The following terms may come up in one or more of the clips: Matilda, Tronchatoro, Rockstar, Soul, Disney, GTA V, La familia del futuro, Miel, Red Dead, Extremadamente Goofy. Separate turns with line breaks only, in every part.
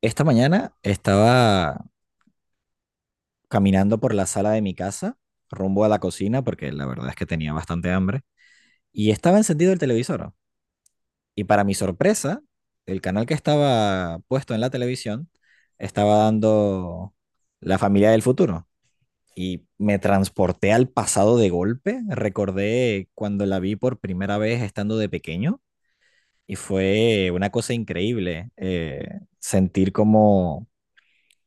Esta mañana estaba caminando por la sala de mi casa, rumbo a la cocina, porque la verdad es que tenía bastante hambre, y estaba encendido el televisor. Y para mi sorpresa, el canal que estaba puesto en la televisión estaba dando La familia del futuro. Y me transporté al pasado de golpe. Recordé cuando la vi por primera vez estando de pequeño, y fue una cosa increíble sentir como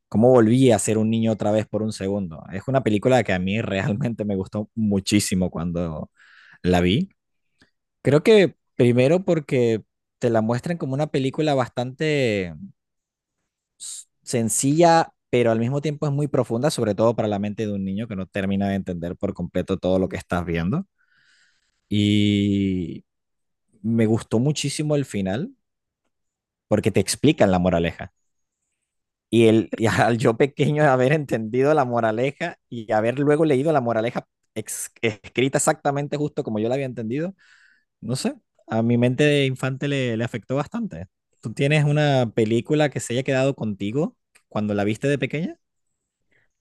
cómo volví a ser un niño otra vez por un segundo. Es una película que a mí realmente me gustó muchísimo cuando la vi. Creo que primero porque te la muestran como una película bastante sencilla, pero al mismo tiempo es muy profunda, sobre todo para la mente de un niño que no termina de entender por completo todo lo que estás viendo. Y me gustó muchísimo el final porque te explican la moraleja. Y al yo pequeño de haber entendido la moraleja y haber luego leído la moraleja escrita exactamente justo como yo la había entendido, no sé, a mi mente de infante le afectó bastante. ¿Tú tienes una película que se haya quedado contigo cuando la viste de pequeña?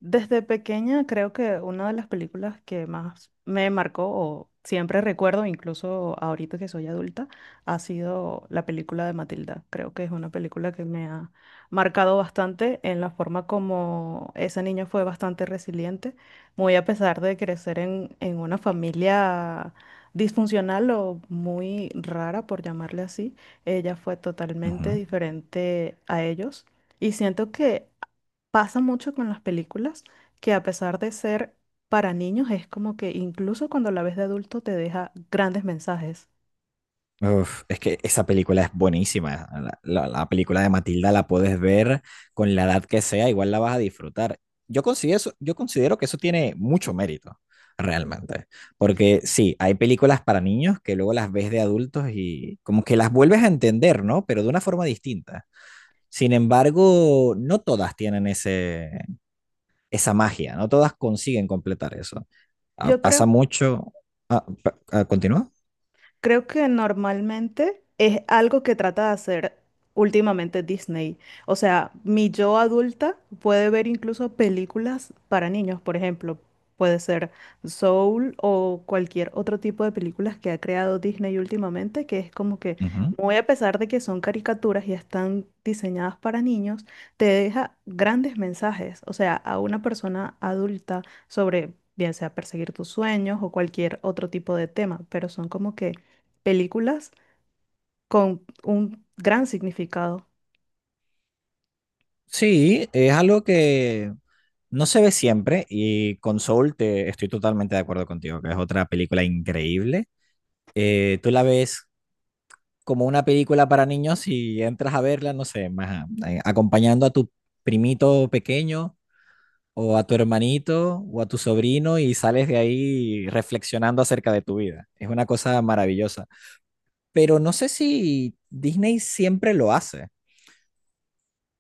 Desde pequeña creo que una de las películas que más me marcó o siempre recuerdo, incluso ahorita que soy adulta, ha sido la película de Matilda. Creo que es una película que me ha marcado bastante en la forma como esa niña fue bastante resiliente, muy a pesar de crecer en una familia disfuncional o muy rara, por llamarle así, ella fue totalmente
Ujú.
diferente a ellos. Y siento que pasa mucho con las películas que, a pesar de ser para niños, es como que incluso cuando la ves de adulto te deja grandes mensajes.
Uf, es que esa película es buenísima. La película de Matilda la puedes ver con la edad que sea, igual la vas a disfrutar. Yo considero que eso tiene mucho mérito, realmente. Porque sí, hay películas para niños que luego las ves de adultos y como que las vuelves a entender, ¿no? Pero de una forma distinta. Sin embargo, no todas tienen esa magia, no todas consiguen completar eso. Ah,
Yo
pasa
creo
mucho. Ah, ¿continúa?
Creo que normalmente es algo que trata de hacer últimamente Disney. O sea, mi yo adulta puede ver incluso películas para niños, por ejemplo. Puede ser Soul o cualquier otro tipo de películas que ha creado Disney últimamente, que es como que,
Ujú.
muy a pesar de que son caricaturas y están diseñadas para niños, te deja grandes mensajes. O sea, a una persona adulta sobre, bien sea perseguir tus sueños o cualquier otro tipo de tema, pero son como que películas con un gran significado.
Sí, es algo que no se ve siempre, y con Soul, te, estoy totalmente de acuerdo contigo, que es otra película increíble. Tú la ves como una película para niños y entras a verla, no sé, más acompañando a tu primito pequeño o a tu hermanito o a tu sobrino y sales de ahí reflexionando acerca de tu vida. Es una cosa maravillosa. Pero no sé si Disney siempre lo hace.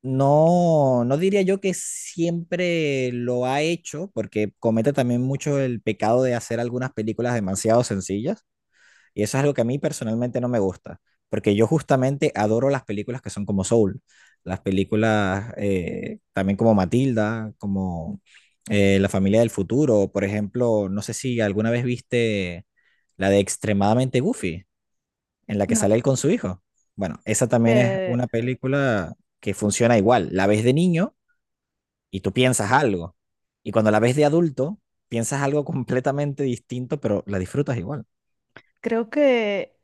No, no diría yo que siempre lo ha hecho, porque comete también mucho el pecado de hacer algunas películas demasiado sencillas, y eso es algo que a mí personalmente no me gusta, porque yo justamente adoro las películas que son como Soul, las películas también como Matilda, como La familia del futuro, por ejemplo, no sé si alguna vez viste la de Extremadamente Goofy en la que
No.
sale él con su hijo. Bueno, esa también es
Eh,
una película que funciona igual. La ves de niño y tú piensas algo. Y cuando la ves de adulto, piensas algo completamente distinto, pero la disfrutas igual.
Creo que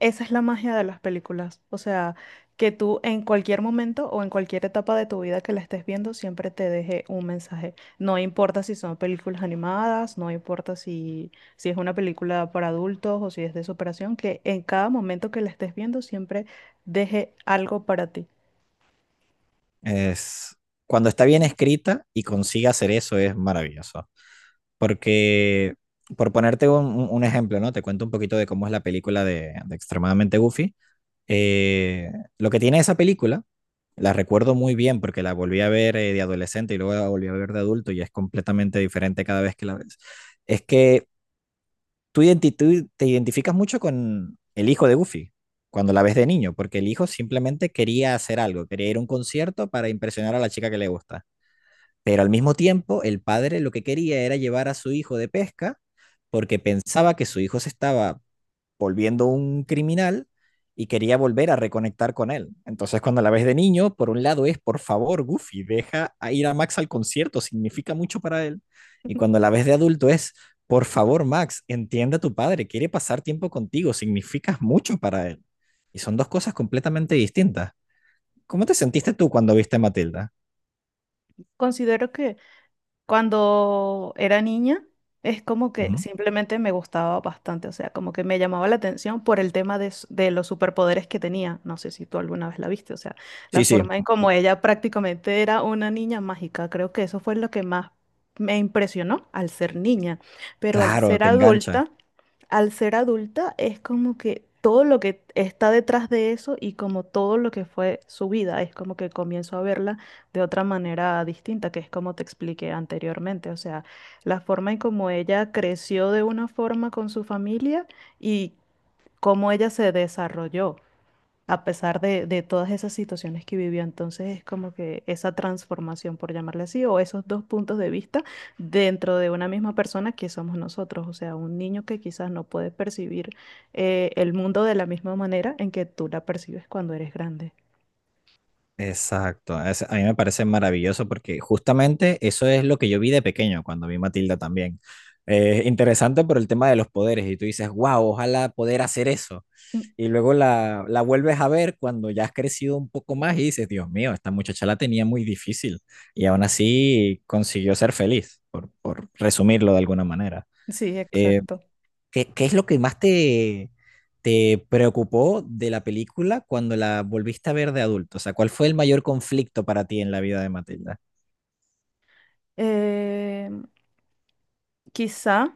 esa es la magia de las películas. O sea, que tú en cualquier momento o en cualquier etapa de tu vida que la estés viendo, siempre te deje un mensaje. No importa si son películas animadas, no importa si es una película para adultos o si es de superación, que en cada momento que la estés viendo, siempre deje algo para ti.
Es cuando está bien escrita y consigue hacer eso es maravilloso. Porque, por ponerte un ejemplo, ¿no? Te cuento un poquito de cómo es la película de Extremadamente Goofy. Eh, lo que tiene esa película, la recuerdo muy bien porque la volví a ver de adolescente y luego la volví a ver de adulto y es completamente diferente cada vez que la ves, es que tú te identificas mucho con el hijo de Goofy cuando la ves de niño, porque el hijo simplemente quería hacer algo, quería ir a un concierto para impresionar a la chica que le gusta. Pero al mismo tiempo, el padre lo que quería era llevar a su hijo de pesca porque pensaba que su hijo se estaba volviendo un criminal y quería volver a reconectar con él. Entonces, cuando la ves de niño, por un lado es, por favor, Goofy, deja a ir a Max al concierto, significa mucho para él. Y cuando la ves de adulto es, por favor, Max, entiende a tu padre, quiere pasar tiempo contigo, significas mucho para él. Y son dos cosas completamente distintas. ¿Cómo te sentiste tú cuando viste a Matilda?
Considero que cuando era niña, es como que
Ujú.
simplemente me gustaba bastante, o sea, como que me llamaba la atención por el tema de, s- de los superpoderes que tenía. No sé si tú alguna vez la viste, o sea, la
Sí, sí,
forma en cómo ella prácticamente era una niña mágica. Creo que eso fue lo que más me impresionó al ser niña, pero al
claro,
ser
te engancha.
adulta, al ser adulta es como que todo lo que está detrás de eso y como todo lo que fue su vida, es como que comienzo a verla de otra manera distinta, que es como te expliqué anteriormente, o sea, la forma en cómo ella creció de una forma con su familia y cómo ella se desarrolló a pesar de todas esas situaciones que vivió. Entonces es como que esa transformación, por llamarle así, o esos dos puntos de vista dentro de una misma persona que somos nosotros, o sea, un niño que quizás no puede percibir el mundo de la misma manera en que tú la percibes cuando eres grande.
Exacto, a mí me parece maravilloso porque justamente eso es lo que yo vi de pequeño cuando vi Matilda también. Interesante por el tema de los poderes y tú dices, wow, ojalá poder hacer eso.
Mm,
Y luego la vuelves a ver cuando ya has crecido un poco más y dices, Dios mío, esta muchacha la tenía muy difícil y aún así consiguió ser feliz, por resumirlo de alguna manera.
Sí,
Eh,
exacto.
Qué es lo que más te preocupó de la película cuando la volviste a ver de adulto? O sea, ¿cuál fue el mayor conflicto para ti en la vida de Matilda?
Quizá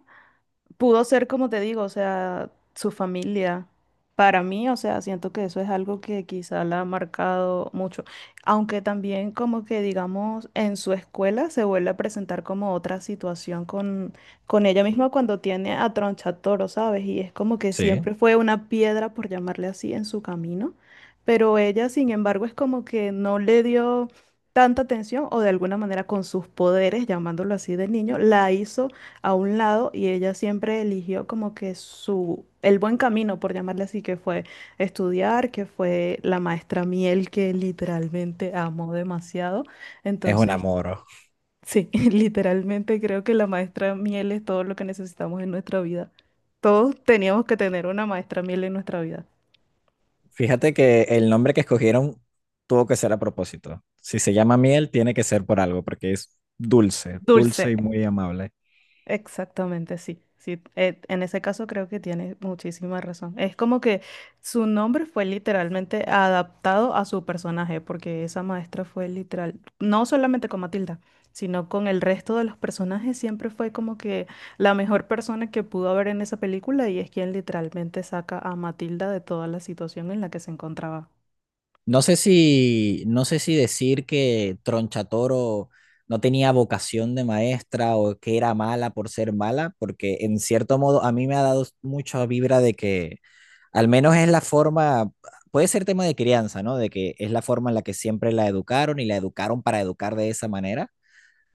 pudo ser, como te digo, o sea, su familia. Para mí, o sea, siento que eso es algo que quizá la ha marcado mucho. Aunque también como que, digamos, en su escuela se vuelve a presentar como otra situación con ella misma cuando tiene a Tronchatoro, ¿sabes? Y es como que
Sí,
siempre fue una piedra, por llamarle así, en su camino. Pero ella, sin embargo, es como que no le dio tanta atención o de alguna manera con sus poderes, llamándolo así de niño, la hizo a un lado y ella siempre eligió como que su, el buen camino, por llamarle así, que fue estudiar, que fue la maestra Miel, que literalmente amó demasiado.
es un
Entonces,
amor.
sí, literalmente creo que la maestra Miel es todo lo que necesitamos en nuestra vida. Todos teníamos que tener una maestra Miel en nuestra vida.
Fíjate que el nombre que escogieron tuvo que ser a propósito. Si se llama Miel, tiene que ser por algo, porque es dulce,
Dulce,
dulce y muy amable.
exactamente, sí. Sí, en ese caso creo que tiene muchísima razón. Es como que su nombre fue literalmente adaptado a su personaje, porque esa maestra fue literal, no solamente con Matilda, sino con el resto de los personajes, siempre fue como que la mejor persona que pudo haber en esa película y es quien literalmente saca a Matilda de toda la situación en la que se encontraba.
No sé si decir que Tronchatoro no tenía vocación de maestra o que era mala por ser mala, porque en cierto modo a mí me ha dado mucha vibra de que al menos es la forma, puede ser tema de crianza, ¿no? De que es la forma en la que siempre la educaron y la educaron para educar de esa manera,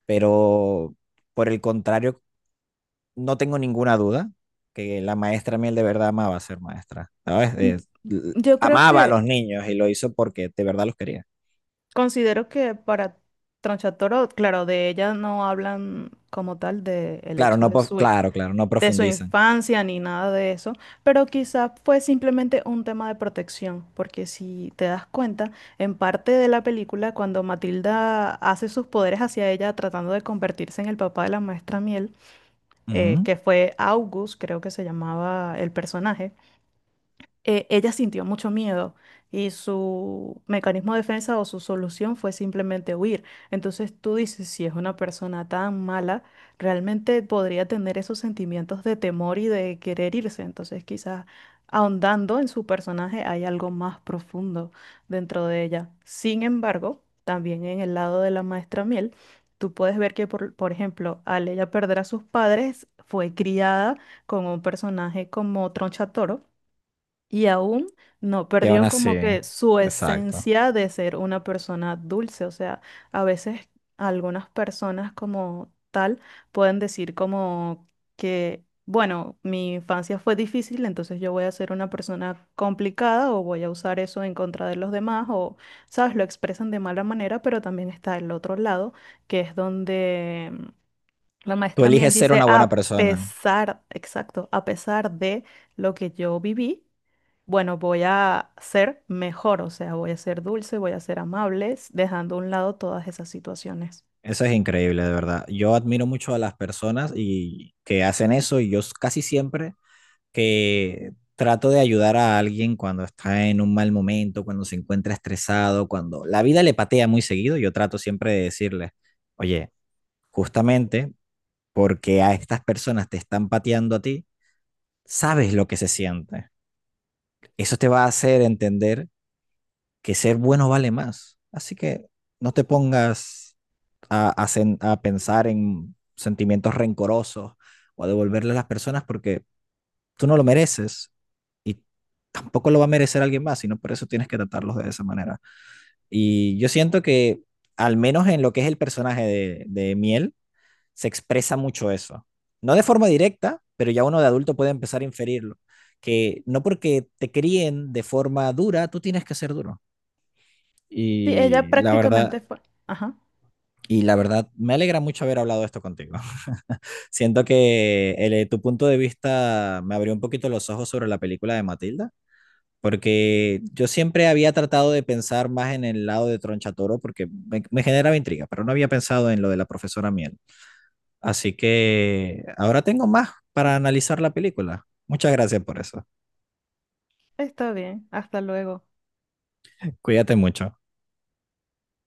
pero por el contrario, no tengo ninguna duda que la maestra Miel de verdad amaba ser maestra, ¿sabes? Es,
Yo creo
amaba a
que
los niños y lo hizo porque de verdad los quería.
Considero que para Tronchatoro, claro, de ella no hablan como tal de el
Claro,
hecho
no, claro, claro, no
de su
profundizan.
infancia ni nada de eso, pero quizás fue simplemente un tema de protección, porque si te das cuenta, en parte de la película, cuando Matilda hace sus poderes hacia ella tratando de convertirse en el papá de la maestra Miel,
Ujú.
que fue August, creo que se llamaba el personaje, ella sintió mucho miedo y su mecanismo de defensa o su solución fue simplemente huir. Entonces tú dices, si es una persona tan mala, realmente podría tener esos sentimientos de temor y de querer irse. Entonces quizás ahondando en su personaje hay algo más profundo dentro de ella. Sin embargo, también en el lado de la maestra Miel, tú puedes ver que, por ejemplo, al ella perder a sus padres, fue criada con un personaje como Tronchatoro y aún no
Y aún
perdió
así,
como que su
exacto.
esencia de ser una persona dulce. O sea, a veces algunas personas como tal pueden decir como que, bueno, mi infancia fue difícil, entonces yo voy a ser una persona complicada o voy a usar eso en contra de los demás o, ¿sabes? Lo expresan de mala manera, pero también está el otro lado, que es donde la
Tú
maestra Miel
eliges ser
dice,
una buena
a
persona.
pesar, exacto, a pesar de lo que yo viví, bueno, voy a ser mejor, o sea, voy a ser dulce, voy a ser amables, dejando a un lado todas esas situaciones.
Eso es increíble, de verdad. Yo admiro mucho a las personas y que hacen eso, y yo casi siempre que trato de ayudar a alguien cuando está en un mal momento, cuando se encuentra estresado, cuando la vida le patea muy seguido, yo trato siempre de decirle, oye, justamente porque a estas personas te están pateando a ti, sabes lo que se siente. Eso te va a hacer entender que ser bueno vale más. Así que no te pongas a pensar en sentimientos rencorosos o a devolverle a las personas porque tú no lo mereces, y tampoco lo va a merecer alguien más, sino por eso tienes que tratarlos de esa manera. Y yo siento que, al menos en lo que es el personaje de Miel, se expresa mucho eso. No de forma directa, pero ya uno de adulto puede empezar a inferirlo. Que no porque te críen de forma dura, tú tienes que ser duro.
Sí, ella
Y la verdad,
prácticamente fue. Ajá,
Y la verdad, me alegra mucho haber hablado esto contigo. Siento que tu punto de vista me abrió un poquito los ojos sobre la película de Matilda, porque yo siempre había tratado de pensar más en el lado de Tronchatoro, porque me generaba intriga, pero no había pensado en lo de la profesora Miel. Así que ahora tengo más para analizar la película. Muchas gracias por eso.
está bien, hasta luego.
Cuídate mucho.